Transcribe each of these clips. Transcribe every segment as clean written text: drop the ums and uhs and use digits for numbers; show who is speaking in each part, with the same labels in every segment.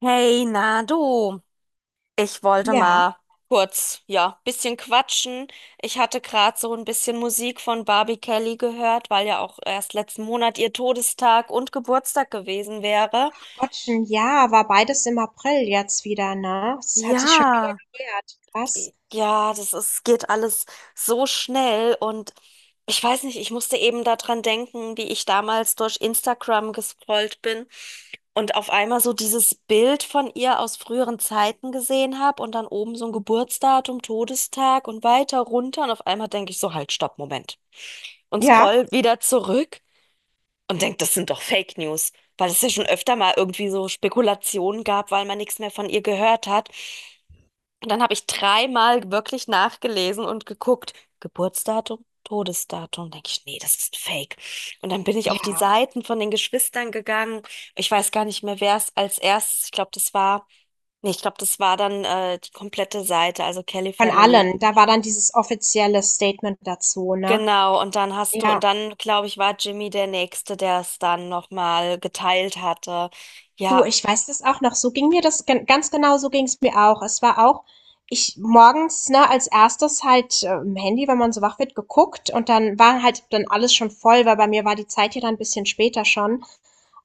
Speaker 1: Hey, na du, ich wollte
Speaker 2: Ja,
Speaker 1: mal kurz, ja, bisschen quatschen. Ich hatte gerade so ein bisschen Musik von Barbie Kelly gehört, weil ja auch erst letzten Monat ihr Todestag und Geburtstag gewesen wäre.
Speaker 2: Gottchen, ja, war beides im April jetzt wieder, ne? Es hat sich schon wieder
Speaker 1: Ja.
Speaker 2: gejährt. Krass.
Speaker 1: Ja, das ist, geht alles so schnell und ich weiß nicht, ich musste eben daran denken, wie ich damals durch Instagram gescrollt bin und auf einmal so dieses Bild von ihr aus früheren Zeiten gesehen habe und dann oben so ein Geburtsdatum, Todestag und weiter runter und auf einmal denke ich so, halt, stopp, Moment. Und
Speaker 2: Ja,
Speaker 1: scroll wieder zurück und denke, das sind doch Fake News, weil es ja schon öfter mal irgendwie so Spekulationen gab, weil man nichts mehr von ihr gehört hat. Und dann habe ich dreimal wirklich nachgelesen und geguckt, Geburtsdatum, Todesdatum. Denke ich, nee, das ist ein Fake. Und dann bin ich auf die
Speaker 2: ja,
Speaker 1: Seiten von den Geschwistern gegangen. Ich weiß gar nicht mehr, wer es als erstes, ich glaube, das war, nee, ich glaube, das war dann die komplette Seite, also Kelly
Speaker 2: von
Speaker 1: Family.
Speaker 2: allen. Da war dann dieses offizielle Statement dazu, ne?
Speaker 1: Genau, und dann hast du,
Speaker 2: Ja.
Speaker 1: und dann, glaube ich, war Jimmy der Nächste, der es dann nochmal geteilt hatte.
Speaker 2: Du,
Speaker 1: Ja.
Speaker 2: ich weiß das auch noch. So ging mir das gen ganz genau, so ging's mir auch. Es war auch ich morgens, ne, als Erstes halt, im Handy, wenn man so wach wird, geguckt, und dann war halt dann alles schon voll, weil bei mir war die Zeit ja dann ein bisschen später schon.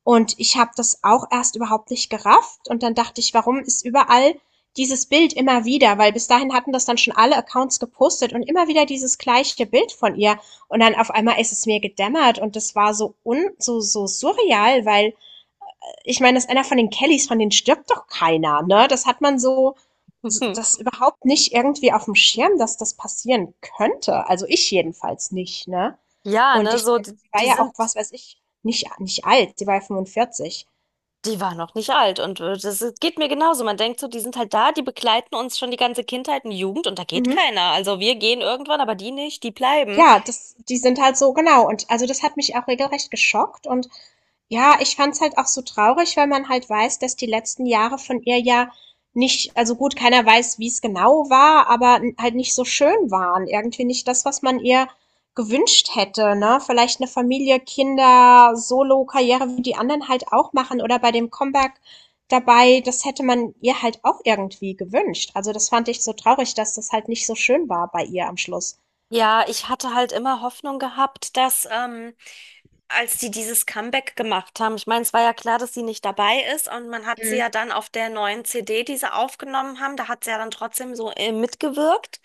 Speaker 2: Und ich habe das auch erst überhaupt nicht gerafft und dann dachte ich: „Warum ist überall dieses Bild immer wieder?“ Weil bis dahin hatten das dann schon alle Accounts gepostet und immer wieder dieses gleiche Bild von ihr. Und dann auf einmal ist es mir gedämmert und das war so un so so surreal, weil ich meine, dass einer von den Kellys, von denen stirbt doch keiner, ne? Das hat man so, so, das überhaupt nicht irgendwie auf dem Schirm, dass das passieren könnte. Also ich jedenfalls nicht, ne?
Speaker 1: Ja,
Speaker 2: Und
Speaker 1: ne,
Speaker 2: ich,
Speaker 1: so, die,
Speaker 2: sie war
Speaker 1: die
Speaker 2: ja auch,
Speaker 1: sind.
Speaker 2: was weiß ich, nicht, nicht alt, sie war ja 45.
Speaker 1: Die war noch nicht alt und das ist- geht mir genauso. Man denkt so, die sind halt da, die begleiten uns schon die ganze Kindheit und Jugend und da geht
Speaker 2: Mhm.
Speaker 1: keiner. Also wir gehen irgendwann, aber die nicht, die bleiben.
Speaker 2: Ja, das die sind halt so, genau. Und also das hat mich auch regelrecht geschockt. Und ja, ich fand's halt auch so traurig, weil man halt weiß, dass die letzten Jahre von ihr ja nicht, also gut, keiner weiß, wie es genau war, aber halt nicht so schön waren. Irgendwie nicht das, was man ihr gewünscht hätte, ne? Vielleicht eine Familie, Kinder, Solo, Karriere, wie die anderen halt auch machen, oder bei dem Comeback dabei, das hätte man ihr halt auch irgendwie gewünscht. Also das fand ich so traurig, dass das halt nicht so schön war bei ihr am Schluss.
Speaker 1: Ja, ich hatte halt immer Hoffnung gehabt, dass als die dieses Comeback gemacht haben. Ich meine, es war ja klar, dass sie nicht dabei ist und man hat sie
Speaker 2: Mhm.
Speaker 1: ja dann auf der neuen CD, die sie aufgenommen haben, da hat sie ja dann trotzdem so mitgewirkt.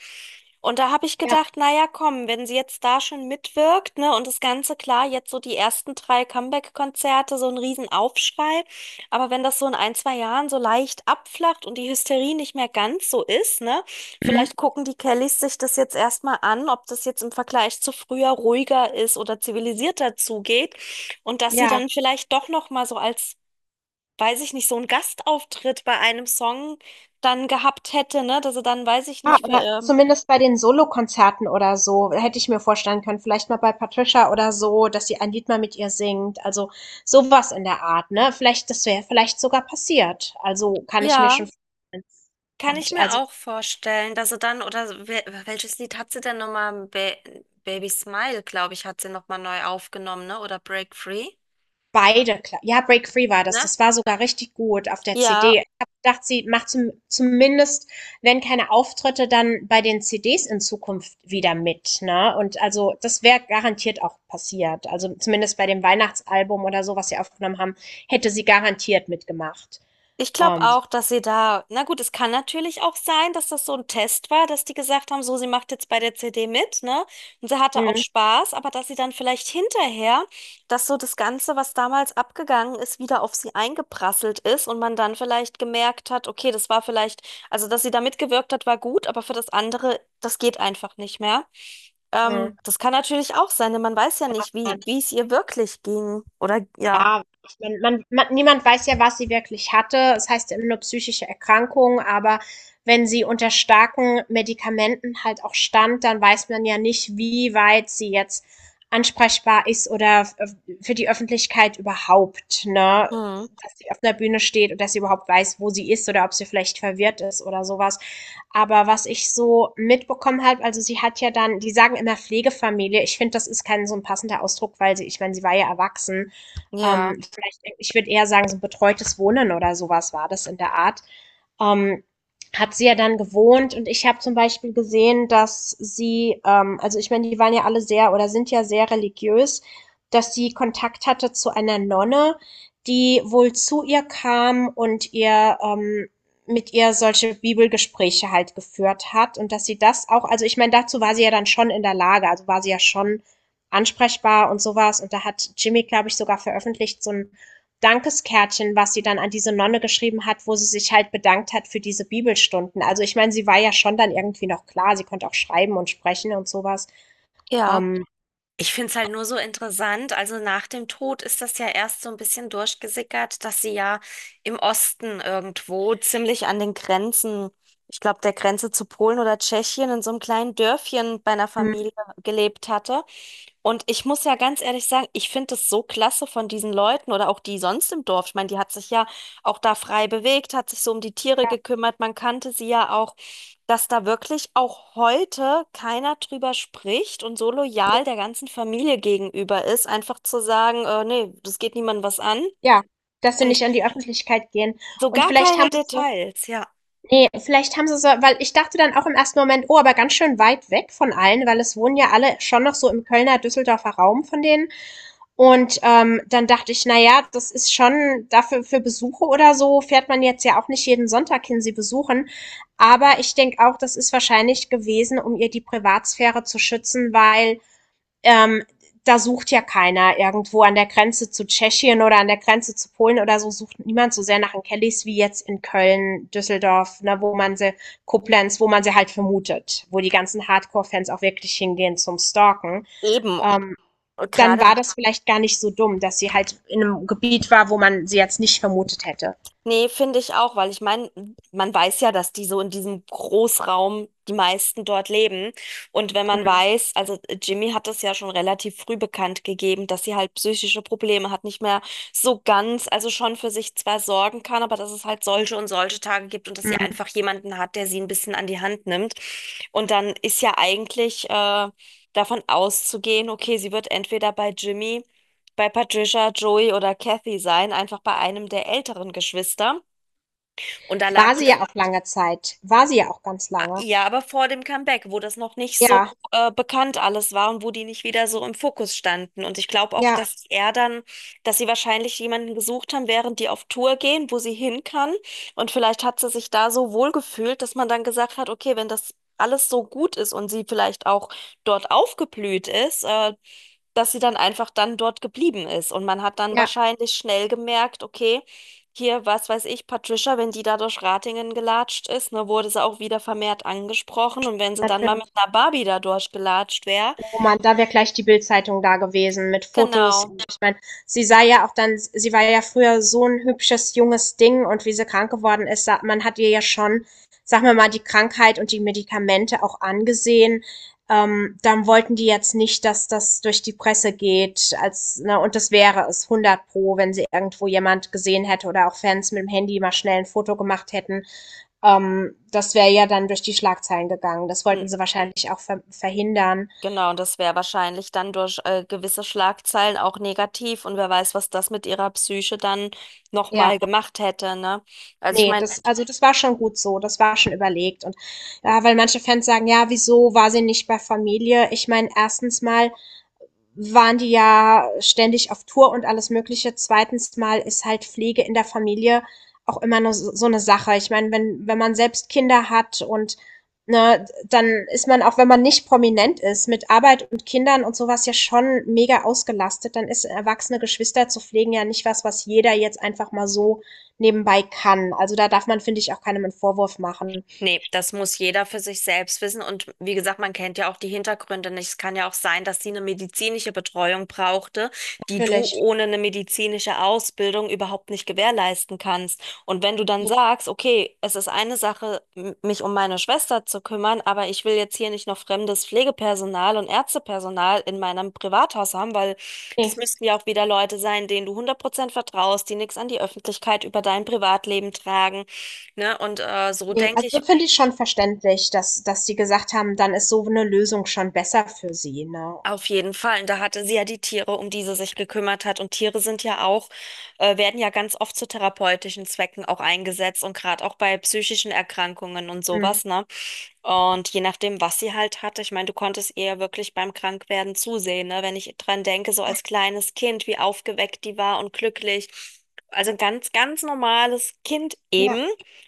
Speaker 1: Und da habe ich
Speaker 2: Ja.
Speaker 1: gedacht, naja, komm, wenn sie jetzt da schon mitwirkt, ne, und das Ganze klar, jetzt so die ersten drei Comeback-Konzerte, so ein Riesenaufschrei. Aber wenn das so in ein, zwei Jahren so leicht abflacht und die Hysterie nicht mehr ganz so ist, ne?
Speaker 2: Mhm.
Speaker 1: Vielleicht gucken die Kellys sich das jetzt erstmal an, ob das jetzt im Vergleich zu früher ruhiger ist oder zivilisierter zugeht und dass sie
Speaker 2: Ja.
Speaker 1: dann vielleicht doch noch mal so als, weiß ich nicht, so einen Gastauftritt bei einem Song dann gehabt hätte, ne? Dass sie dann, weiß ich
Speaker 2: Ah,
Speaker 1: nicht, für,
Speaker 2: oder zumindest bei den Solokonzerten oder so, hätte ich mir vorstellen können, vielleicht mal bei Patricia oder so, dass sie ein Lied mal mit ihr singt. Also sowas in der Art, ne? Vielleicht das wäre vielleicht sogar passiert. Also, kann ich mir
Speaker 1: ja.
Speaker 2: schon vorstellen.
Speaker 1: Kann ich
Speaker 2: Und
Speaker 1: mir
Speaker 2: also
Speaker 1: auch vorstellen, dass sie dann, oder wel- welches Lied hat sie denn nochmal? Ba Baby Smile, glaube ich, hat sie nochmal neu aufgenommen, ne? Oder Break Free,
Speaker 2: beide, ja, Break Free war das.
Speaker 1: ne?
Speaker 2: Das war sogar richtig gut auf der CD. Ich
Speaker 1: Ja.
Speaker 2: habe gedacht, sie macht zum, zumindest, wenn keine Auftritte, dann bei den CDs in Zukunft wieder mit. Ne? Und also das wäre garantiert auch passiert. Also zumindest bei dem Weihnachtsalbum oder so, was sie aufgenommen haben, hätte sie garantiert mitgemacht.
Speaker 1: Ich glaube
Speaker 2: Ähm,
Speaker 1: auch, dass sie da, na gut, es kann natürlich auch sein, dass das so ein Test war, dass die gesagt haben, so, sie macht jetzt bei der CD mit, ne? Und sie hatte auch
Speaker 2: hm,
Speaker 1: Spaß, aber dass sie dann vielleicht hinterher, dass so das Ganze, was damals abgegangen ist, wieder auf sie eingeprasselt ist und man dann vielleicht gemerkt hat, okay, das war vielleicht, also dass sie da mitgewirkt hat, war gut, aber für das andere, das geht einfach nicht mehr.
Speaker 2: hm,
Speaker 1: Das kann natürlich auch sein, denn man weiß ja
Speaker 2: kann auch
Speaker 1: nicht,
Speaker 2: sein.
Speaker 1: wie es ihr wirklich ging oder ja.
Speaker 2: Ja, ich meine, man niemand weiß ja, was sie wirklich hatte. Es heißt ja immer nur psychische Erkrankung, aber wenn sie unter starken Medikamenten halt auch stand, dann weiß man ja nicht, wie weit sie jetzt ansprechbar ist, oder f für die Öffentlichkeit überhaupt, ne?
Speaker 1: Hm,
Speaker 2: Dass sie auf 'ner Bühne steht und dass sie überhaupt weiß, wo sie ist, oder ob sie vielleicht verwirrt ist oder sowas. Aber was ich so mitbekommen habe, also, sie hat ja dann, die sagen immer Pflegefamilie. Ich finde, das ist kein so ein passender Ausdruck, weil sie, ich meine, sie war ja erwachsen.
Speaker 1: ja,
Speaker 2: Vielleicht, ich würde eher sagen, so ein betreutes Wohnen oder sowas war das, in der Art ähm, hat sie ja dann gewohnt. Und ich habe zum Beispiel gesehen, dass sie, also ich meine, die waren ja alle sehr oder sind ja sehr religiös, dass sie Kontakt hatte zu einer Nonne, die wohl zu ihr kam und ihr, mit ihr solche Bibelgespräche halt geführt hat, und dass sie das auch, also ich meine, dazu war sie ja dann schon in der Lage, also war sie ja schon ansprechbar und sowas. Und da hat Jimmy, glaube ich, sogar veröffentlicht, so ein Dankeskärtchen, was sie dann an diese Nonne geschrieben hat, wo sie sich halt bedankt hat für diese Bibelstunden. Also ich meine, sie war ja schon dann irgendwie noch klar, sie konnte auch schreiben und sprechen und sowas.
Speaker 1: ja.
Speaker 2: Ähm,
Speaker 1: Ich finde es halt nur so interessant. Also nach dem Tod ist das ja erst so ein bisschen durchgesickert, dass sie ja im Osten irgendwo ziemlich an den Grenzen, ich glaube, der Grenze zu Polen oder Tschechien in so einem kleinen Dörfchen bei einer Familie gelebt hatte. Und ich muss ja ganz ehrlich sagen, ich finde es so klasse von diesen Leuten oder auch die sonst im Dorf. Ich meine, die hat sich ja auch da frei bewegt, hat sich so um die Tiere
Speaker 2: ja,
Speaker 1: gekümmert. Man kannte sie ja auch, dass da wirklich auch heute keiner drüber spricht und so loyal der ganzen Familie gegenüber ist, einfach zu sagen, nee, das geht niemandem was an.
Speaker 2: ja, dass sie
Speaker 1: Und
Speaker 2: nicht an die Öffentlichkeit gehen.
Speaker 1: so
Speaker 2: Und
Speaker 1: gar
Speaker 2: vielleicht
Speaker 1: keine
Speaker 2: haben sie so,
Speaker 1: Details, ja.
Speaker 2: ne, vielleicht haben sie so, weil ich dachte dann auch im ersten Moment: „Oh, aber ganz schön weit weg von allen“, weil es wohnen ja alle schon noch so im Kölner, Düsseldorfer Raum von denen. Und, dann dachte ich: „Na ja, das ist schon, dafür für Besuche oder so fährt man jetzt ja auch nicht jeden Sonntag hin, sie besuchen.“ Aber ich denke auch, das ist wahrscheinlich gewesen, um ihr die Privatsphäre zu schützen, weil ähm, da sucht ja keiner irgendwo an der Grenze zu Tschechien oder an der Grenze zu Polen oder so, sucht niemand so sehr nach den Kellys wie jetzt in Köln, Düsseldorf, ne, wo man sie, Koblenz, wo man sie halt vermutet, wo die ganzen Hardcore-Fans auch wirklich hingehen zum Stalken.
Speaker 1: Eben.
Speaker 2: Ähm,
Speaker 1: Und
Speaker 2: Dann
Speaker 1: gerade.
Speaker 2: war das vielleicht gar nicht so dumm, dass sie halt in einem Gebiet war, wo man sie jetzt nicht vermutet hätte.
Speaker 1: Nee, finde ich auch, weil ich meine, man weiß ja, dass die so in diesem Großraum die meisten dort leben. Und wenn man weiß, also Jimmy hat das ja schon relativ früh bekannt gegeben, dass sie halt psychische Probleme hat, nicht mehr so ganz, also schon für sich zwar sorgen kann, aber dass es halt solche und solche Tage gibt und dass sie
Speaker 2: Hm.
Speaker 1: einfach jemanden hat, der sie ein bisschen an die Hand nimmt. Und dann ist ja eigentlich davon auszugehen, okay, sie wird entweder bei Jimmy, bei Patricia, Joey oder Kathy sein, einfach bei einem der älteren Geschwister. Und da lag
Speaker 2: War
Speaker 1: die.
Speaker 2: sie ja auch lange Zeit. War sie ja auch ganz
Speaker 1: Ah,
Speaker 2: lange.
Speaker 1: ja, aber vor dem Comeback, wo das noch nicht so
Speaker 2: Ja,
Speaker 1: bekannt alles war und wo die nicht wieder so im Fokus standen. Und ich glaube auch,
Speaker 2: ja,
Speaker 1: dass er dann, dass sie wahrscheinlich jemanden gesucht haben, während die auf Tour gehen, wo sie hin kann. Und vielleicht hat sie sich da so wohl gefühlt, dass man dann gesagt hat, okay, wenn das alles so gut ist und sie vielleicht auch dort aufgeblüht ist, dass sie dann einfach dann dort geblieben ist. Und man hat dann
Speaker 2: ja,
Speaker 1: wahrscheinlich schnell gemerkt, okay, hier, was weiß ich, Patricia, wenn die da durch Ratingen gelatscht ist, ne, wurde sie auch wieder vermehrt angesprochen. Und wenn sie dann mal mit
Speaker 2: natürlich.
Speaker 1: einer Barbie da durchgelatscht wäre,
Speaker 2: Oh Mann, da wäre gleich die Bildzeitung da gewesen mit Fotos.
Speaker 1: genau,
Speaker 2: Ich meine, sie sah ja auch dann, sie war ja früher so ein hübsches junges Ding, und wie sie krank geworden ist, man hat ihr ja schon, sag mal die Krankheit und die Medikamente auch angesehen. Dann wollten die jetzt nicht, dass das durch die Presse geht, als, ne, und das wäre es hundert pro, wenn sie irgendwo jemand gesehen hätte oder auch Fans mit dem Handy mal schnell ein Foto gemacht hätten. Das wäre ja dann durch die Schlagzeilen gegangen. Das
Speaker 1: hm,
Speaker 2: wollten sie wahrscheinlich auch verhindern.
Speaker 1: genau, und das wäre wahrscheinlich dann durch gewisse Schlagzeilen auch negativ. Und wer weiß, was das mit ihrer Psyche dann nochmal
Speaker 2: Ja.
Speaker 1: gemacht hätte, ne? Also ich
Speaker 2: Nee,
Speaker 1: meine.
Speaker 2: das, also das war schon gut so, das war schon überlegt. Und ja, weil manche Fans sagen: „Ja, wieso war sie nicht bei Familie?“ Ich meine, erstens mal waren die ja ständig auf Tour und alles Mögliche. Zweitens mal ist halt Pflege in der Familie auch immer nur so so eine Sache. Ich meine, wenn, man selbst Kinder hat und, ne, dann ist man, auch wenn man nicht prominent ist, mit Arbeit und Kindern und sowas ja schon mega ausgelastet. Dann ist erwachsene Geschwister zu pflegen ja nicht was, was jeder jetzt einfach mal so nebenbei kann. Also da darf man, finde ich, auch keinem einen Vorwurf machen.
Speaker 1: Nee, das muss jeder für sich selbst wissen. Und wie gesagt, man kennt ja auch die Hintergründe nicht. Es kann ja auch sein, dass sie eine medizinische Betreuung brauchte, die du
Speaker 2: Natürlich.
Speaker 1: ohne eine medizinische Ausbildung überhaupt nicht gewährleisten kannst. Und wenn du dann sagst, okay, es ist eine Sache, m- mich um meine Schwester zu kümmern, aber ich will jetzt hier nicht noch fremdes Pflegepersonal und Ärztepersonal in meinem Privathaus haben, weil das
Speaker 2: Nee.
Speaker 1: müssten ja auch wieder Leute sein, denen du hundert Prozent vertraust, die nichts an die Öffentlichkeit über dein Privatleben tragen. Ne? Und so
Speaker 2: Ne,
Speaker 1: denke ich.
Speaker 2: also finde ich schon verständlich, dass sie gesagt haben, dann ist so eine Lösung schon besser für sie, ne?
Speaker 1: Auf jeden Fall. Und da hatte sie ja die Tiere, um die sie sich gekümmert hat. Und Tiere sind ja auch, werden ja ganz oft zu therapeutischen Zwecken auch eingesetzt und gerade auch bei psychischen Erkrankungen und
Speaker 2: Mhm.
Speaker 1: sowas, ne? Und je nachdem, was sie halt hatte, ich meine, du konntest ihr ja wirklich beim Krankwerden zusehen, ne? Wenn ich dran denke, so als kleines Kind, wie aufgeweckt die war und glücklich. Also ein ganz, ganz normales Kind
Speaker 2: Ja.
Speaker 1: eben,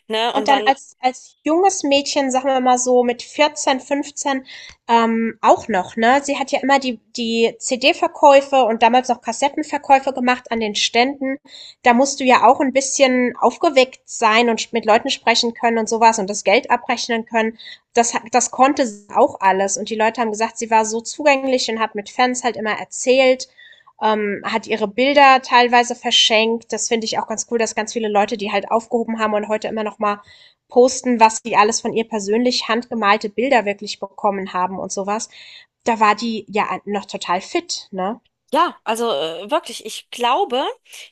Speaker 1: ne?
Speaker 2: Und
Speaker 1: Und
Speaker 2: dann
Speaker 1: dann.
Speaker 2: als junges Mädchen, sagen wir mal so mit 14, 15 auch noch, ne? Sie hat ja immer die CD-Verkäufe und damals noch Kassettenverkäufe gemacht an den Ständen. Da musst du ja auch ein bisschen aufgeweckt sein und mit Leuten sprechen können und sowas und das Geld abrechnen können. Das konnte sie auch alles. Und die Leute haben gesagt, sie war so zugänglich und hat mit Fans halt immer erzählt, hat ihre Bilder teilweise verschenkt. Das finde ich auch ganz cool, dass ganz viele Leute die halt aufgehoben haben und heute immer noch mal posten, was die alles von ihr persönlich handgemalte Bilder wirklich bekommen haben und sowas. Da war die ja noch total fit, ne?
Speaker 1: Ja, also wirklich, ich glaube,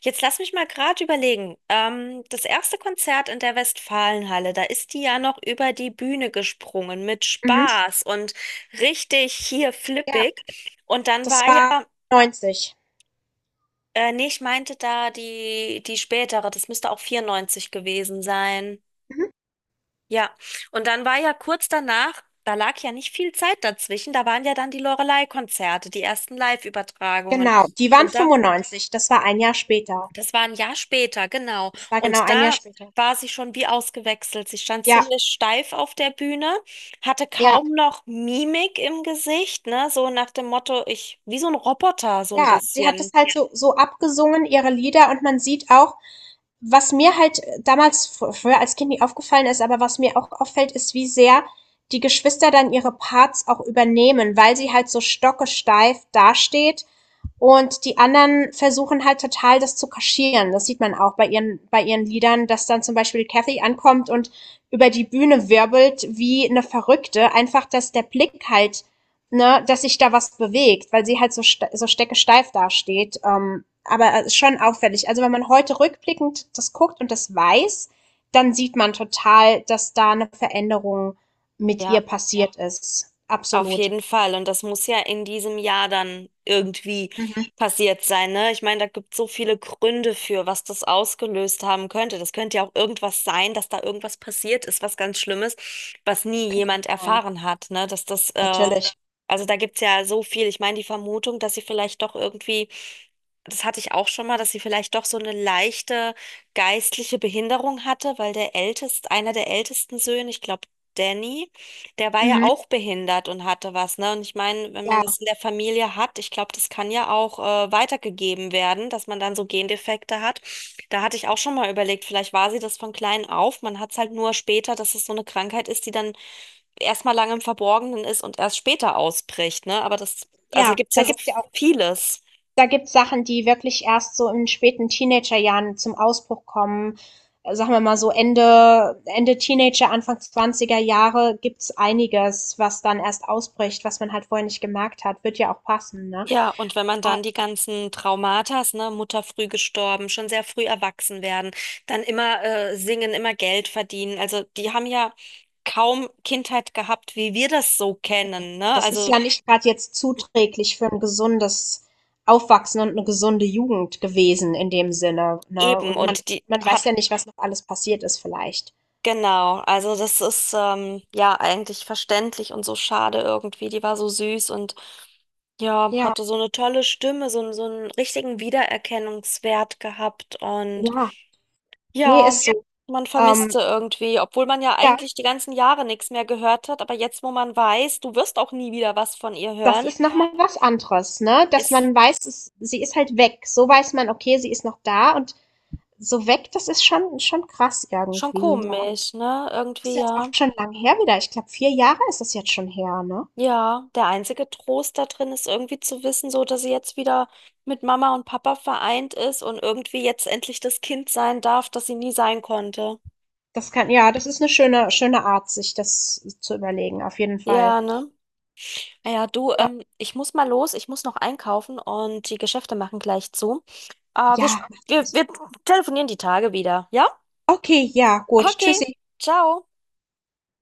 Speaker 1: jetzt lass mich mal gerade überlegen. Das erste Konzert in der Westfalenhalle, da ist die ja noch über die Bühne gesprungen mit
Speaker 2: Mhm.
Speaker 1: Spaß und richtig hier
Speaker 2: Ja,
Speaker 1: flippig. Und dann
Speaker 2: das
Speaker 1: war ja,
Speaker 2: war 90.
Speaker 1: nee, ich meinte da die, die spätere, das müsste auch 94 gewesen sein.
Speaker 2: Mhm.
Speaker 1: Ja, und dann war ja kurz danach, da lag ja nicht viel Zeit dazwischen, da waren ja dann die Loreley-Konzerte, die ersten Live-Übertragungen.
Speaker 2: Genau, die waren
Speaker 1: Und da.
Speaker 2: 95. Das war ein Jahr später.
Speaker 1: Das war ein Jahr später, genau.
Speaker 2: Das war genau
Speaker 1: Und
Speaker 2: ein Jahr
Speaker 1: da
Speaker 2: später.
Speaker 1: war sie schon wie ausgewechselt. Sie stand
Speaker 2: Ja,
Speaker 1: ziemlich steif auf der Bühne, hatte
Speaker 2: ja,
Speaker 1: kaum noch Mimik im Gesicht, ne? So nach dem Motto, ich, wie so ein Roboter, so ein
Speaker 2: ja. Sie hat
Speaker 1: bisschen.
Speaker 2: das halt so, so abgesungen, ihre Lieder, und man sieht auch, was mir halt damals früher als Kind nicht aufgefallen ist, aber was mir auch auffällt, ist, wie sehr die Geschwister dann ihre Parts auch übernehmen, weil sie halt so stockesteif dasteht und die anderen versuchen halt total, das zu kaschieren. Das sieht man auch bei ihren Liedern, dass dann zum Beispiel Kathy ankommt und über die Bühne wirbelt wie eine Verrückte. Einfach, dass der Blick halt, ne, dass sich da was bewegt, weil sie halt so, ste so steckesteif dasteht. Aber schon auffällig. Also wenn man heute rückblickend das guckt und das weiß, dann sieht man total, dass da eine Veränderung mit
Speaker 1: Ja,
Speaker 2: ihr passiert ist.
Speaker 1: auf
Speaker 2: Absolut.
Speaker 1: jeden Fall. Und das muss ja in diesem Jahr dann irgendwie
Speaker 2: Mhm.
Speaker 1: passiert sein, ne? Ich meine, da gibt es so viele Gründe für, was das ausgelöst haben könnte. Das könnte ja auch irgendwas sein, dass da irgendwas passiert ist, was ganz Schlimmes, was nie jemand
Speaker 2: Nein,
Speaker 1: erfahren hat, ne? Dass das
Speaker 2: natürlich.
Speaker 1: also da gibt's ja so viel. Ich meine, die Vermutung, dass sie vielleicht doch irgendwie, das hatte ich auch schon mal, dass sie vielleicht doch so eine leichte geistliche Behinderung hatte, weil der älteste, einer der ältesten Söhne, ich glaube Danny, der war ja
Speaker 2: Mhm.
Speaker 1: auch behindert und hatte was, ne? Und ich meine, wenn man
Speaker 2: Ja.
Speaker 1: das in der Familie hat, ich glaube, das kann ja auch weitergegeben werden, dass man dann so Gendefekte hat. Da hatte ich auch schon mal überlegt, vielleicht war sie das von klein auf. Man hat's halt nur später, dass es so eine Krankheit ist, die dann erstmal lange im Verborgenen ist und erst später ausbricht, ne? Aber das, also
Speaker 2: Ja,
Speaker 1: gibt's
Speaker 2: da
Speaker 1: ja so
Speaker 2: gibt's ja auch,
Speaker 1: vieles.
Speaker 2: da gibt's Sachen, die wirklich erst so in späten Teenagerjahren zum Ausbruch kommen. Sagen wir mal so Ende Teenager, Anfang 20er Jahre gibt's einiges, was dann erst ausbricht, was man halt vorher nicht gemerkt hat. Wird ja auch passen, ne?
Speaker 1: Ja, und wenn man
Speaker 2: Ah,
Speaker 1: dann die ganzen Traumatas, ne, Mutter früh gestorben, schon sehr früh erwachsen werden, dann immer singen, immer Geld verdienen. Also die haben ja kaum Kindheit gehabt, wie wir das so kennen, ne?
Speaker 2: das ist
Speaker 1: Also
Speaker 2: ja nicht gerade jetzt zuträglich für ein gesundes Aufwachsen und eine gesunde Jugend gewesen in dem Sinne, ne?
Speaker 1: eben,
Speaker 2: Und
Speaker 1: und die
Speaker 2: man
Speaker 1: hat.
Speaker 2: weiß ja nicht, was noch alles passiert ist vielleicht.
Speaker 1: Genau, also das ist ja eigentlich verständlich und so schade irgendwie. Die war so süß und ja,
Speaker 2: Ja,
Speaker 1: hatte so eine tolle Stimme, so, n- so einen richtigen Wiedererkennungswert gehabt und
Speaker 2: ja. Nee,
Speaker 1: ja,
Speaker 2: ist so.
Speaker 1: man vermisst
Speaker 2: Ähm,
Speaker 1: sie irgendwie, obwohl man ja
Speaker 2: ja.
Speaker 1: eigentlich die ganzen Jahre nichts mehr gehört hat, aber jetzt, wo man weiß, du wirst auch nie wieder was von ihr
Speaker 2: Das
Speaker 1: hören,
Speaker 2: ist nochmal was anderes, ne? Dass
Speaker 1: ist
Speaker 2: man weiß, es, sie ist halt weg. So weiß man, okay, sie ist noch da und so weg, das ist schon, schon krass
Speaker 1: schon
Speaker 2: irgendwie. Ja.
Speaker 1: komisch, ne?
Speaker 2: Das ist
Speaker 1: Irgendwie,
Speaker 2: jetzt auch
Speaker 1: ja.
Speaker 2: schon lang her wieder. Ich glaube, 4 Jahre ist das jetzt schon her, ne?
Speaker 1: Ja, der einzige Trost da drin ist irgendwie zu wissen, so dass sie jetzt wieder mit Mama und Papa vereint ist und irgendwie jetzt endlich das Kind sein darf, das sie nie sein konnte.
Speaker 2: Das kann, ja, das ist eine schöne, schöne Art, sich das zu überlegen, auf jeden Fall.
Speaker 1: Ja, ne? Naja, du,
Speaker 2: Ja,
Speaker 1: ich muss mal los, ich muss noch einkaufen und die Geschäfte machen gleich zu. Wir, sch-
Speaker 2: ja. Mach
Speaker 1: wir,
Speaker 2: los.
Speaker 1: wir telefonieren die Tage wieder, ja?
Speaker 2: Okay, ja, gut.
Speaker 1: Okay,
Speaker 2: Tschüssi.
Speaker 1: ciao.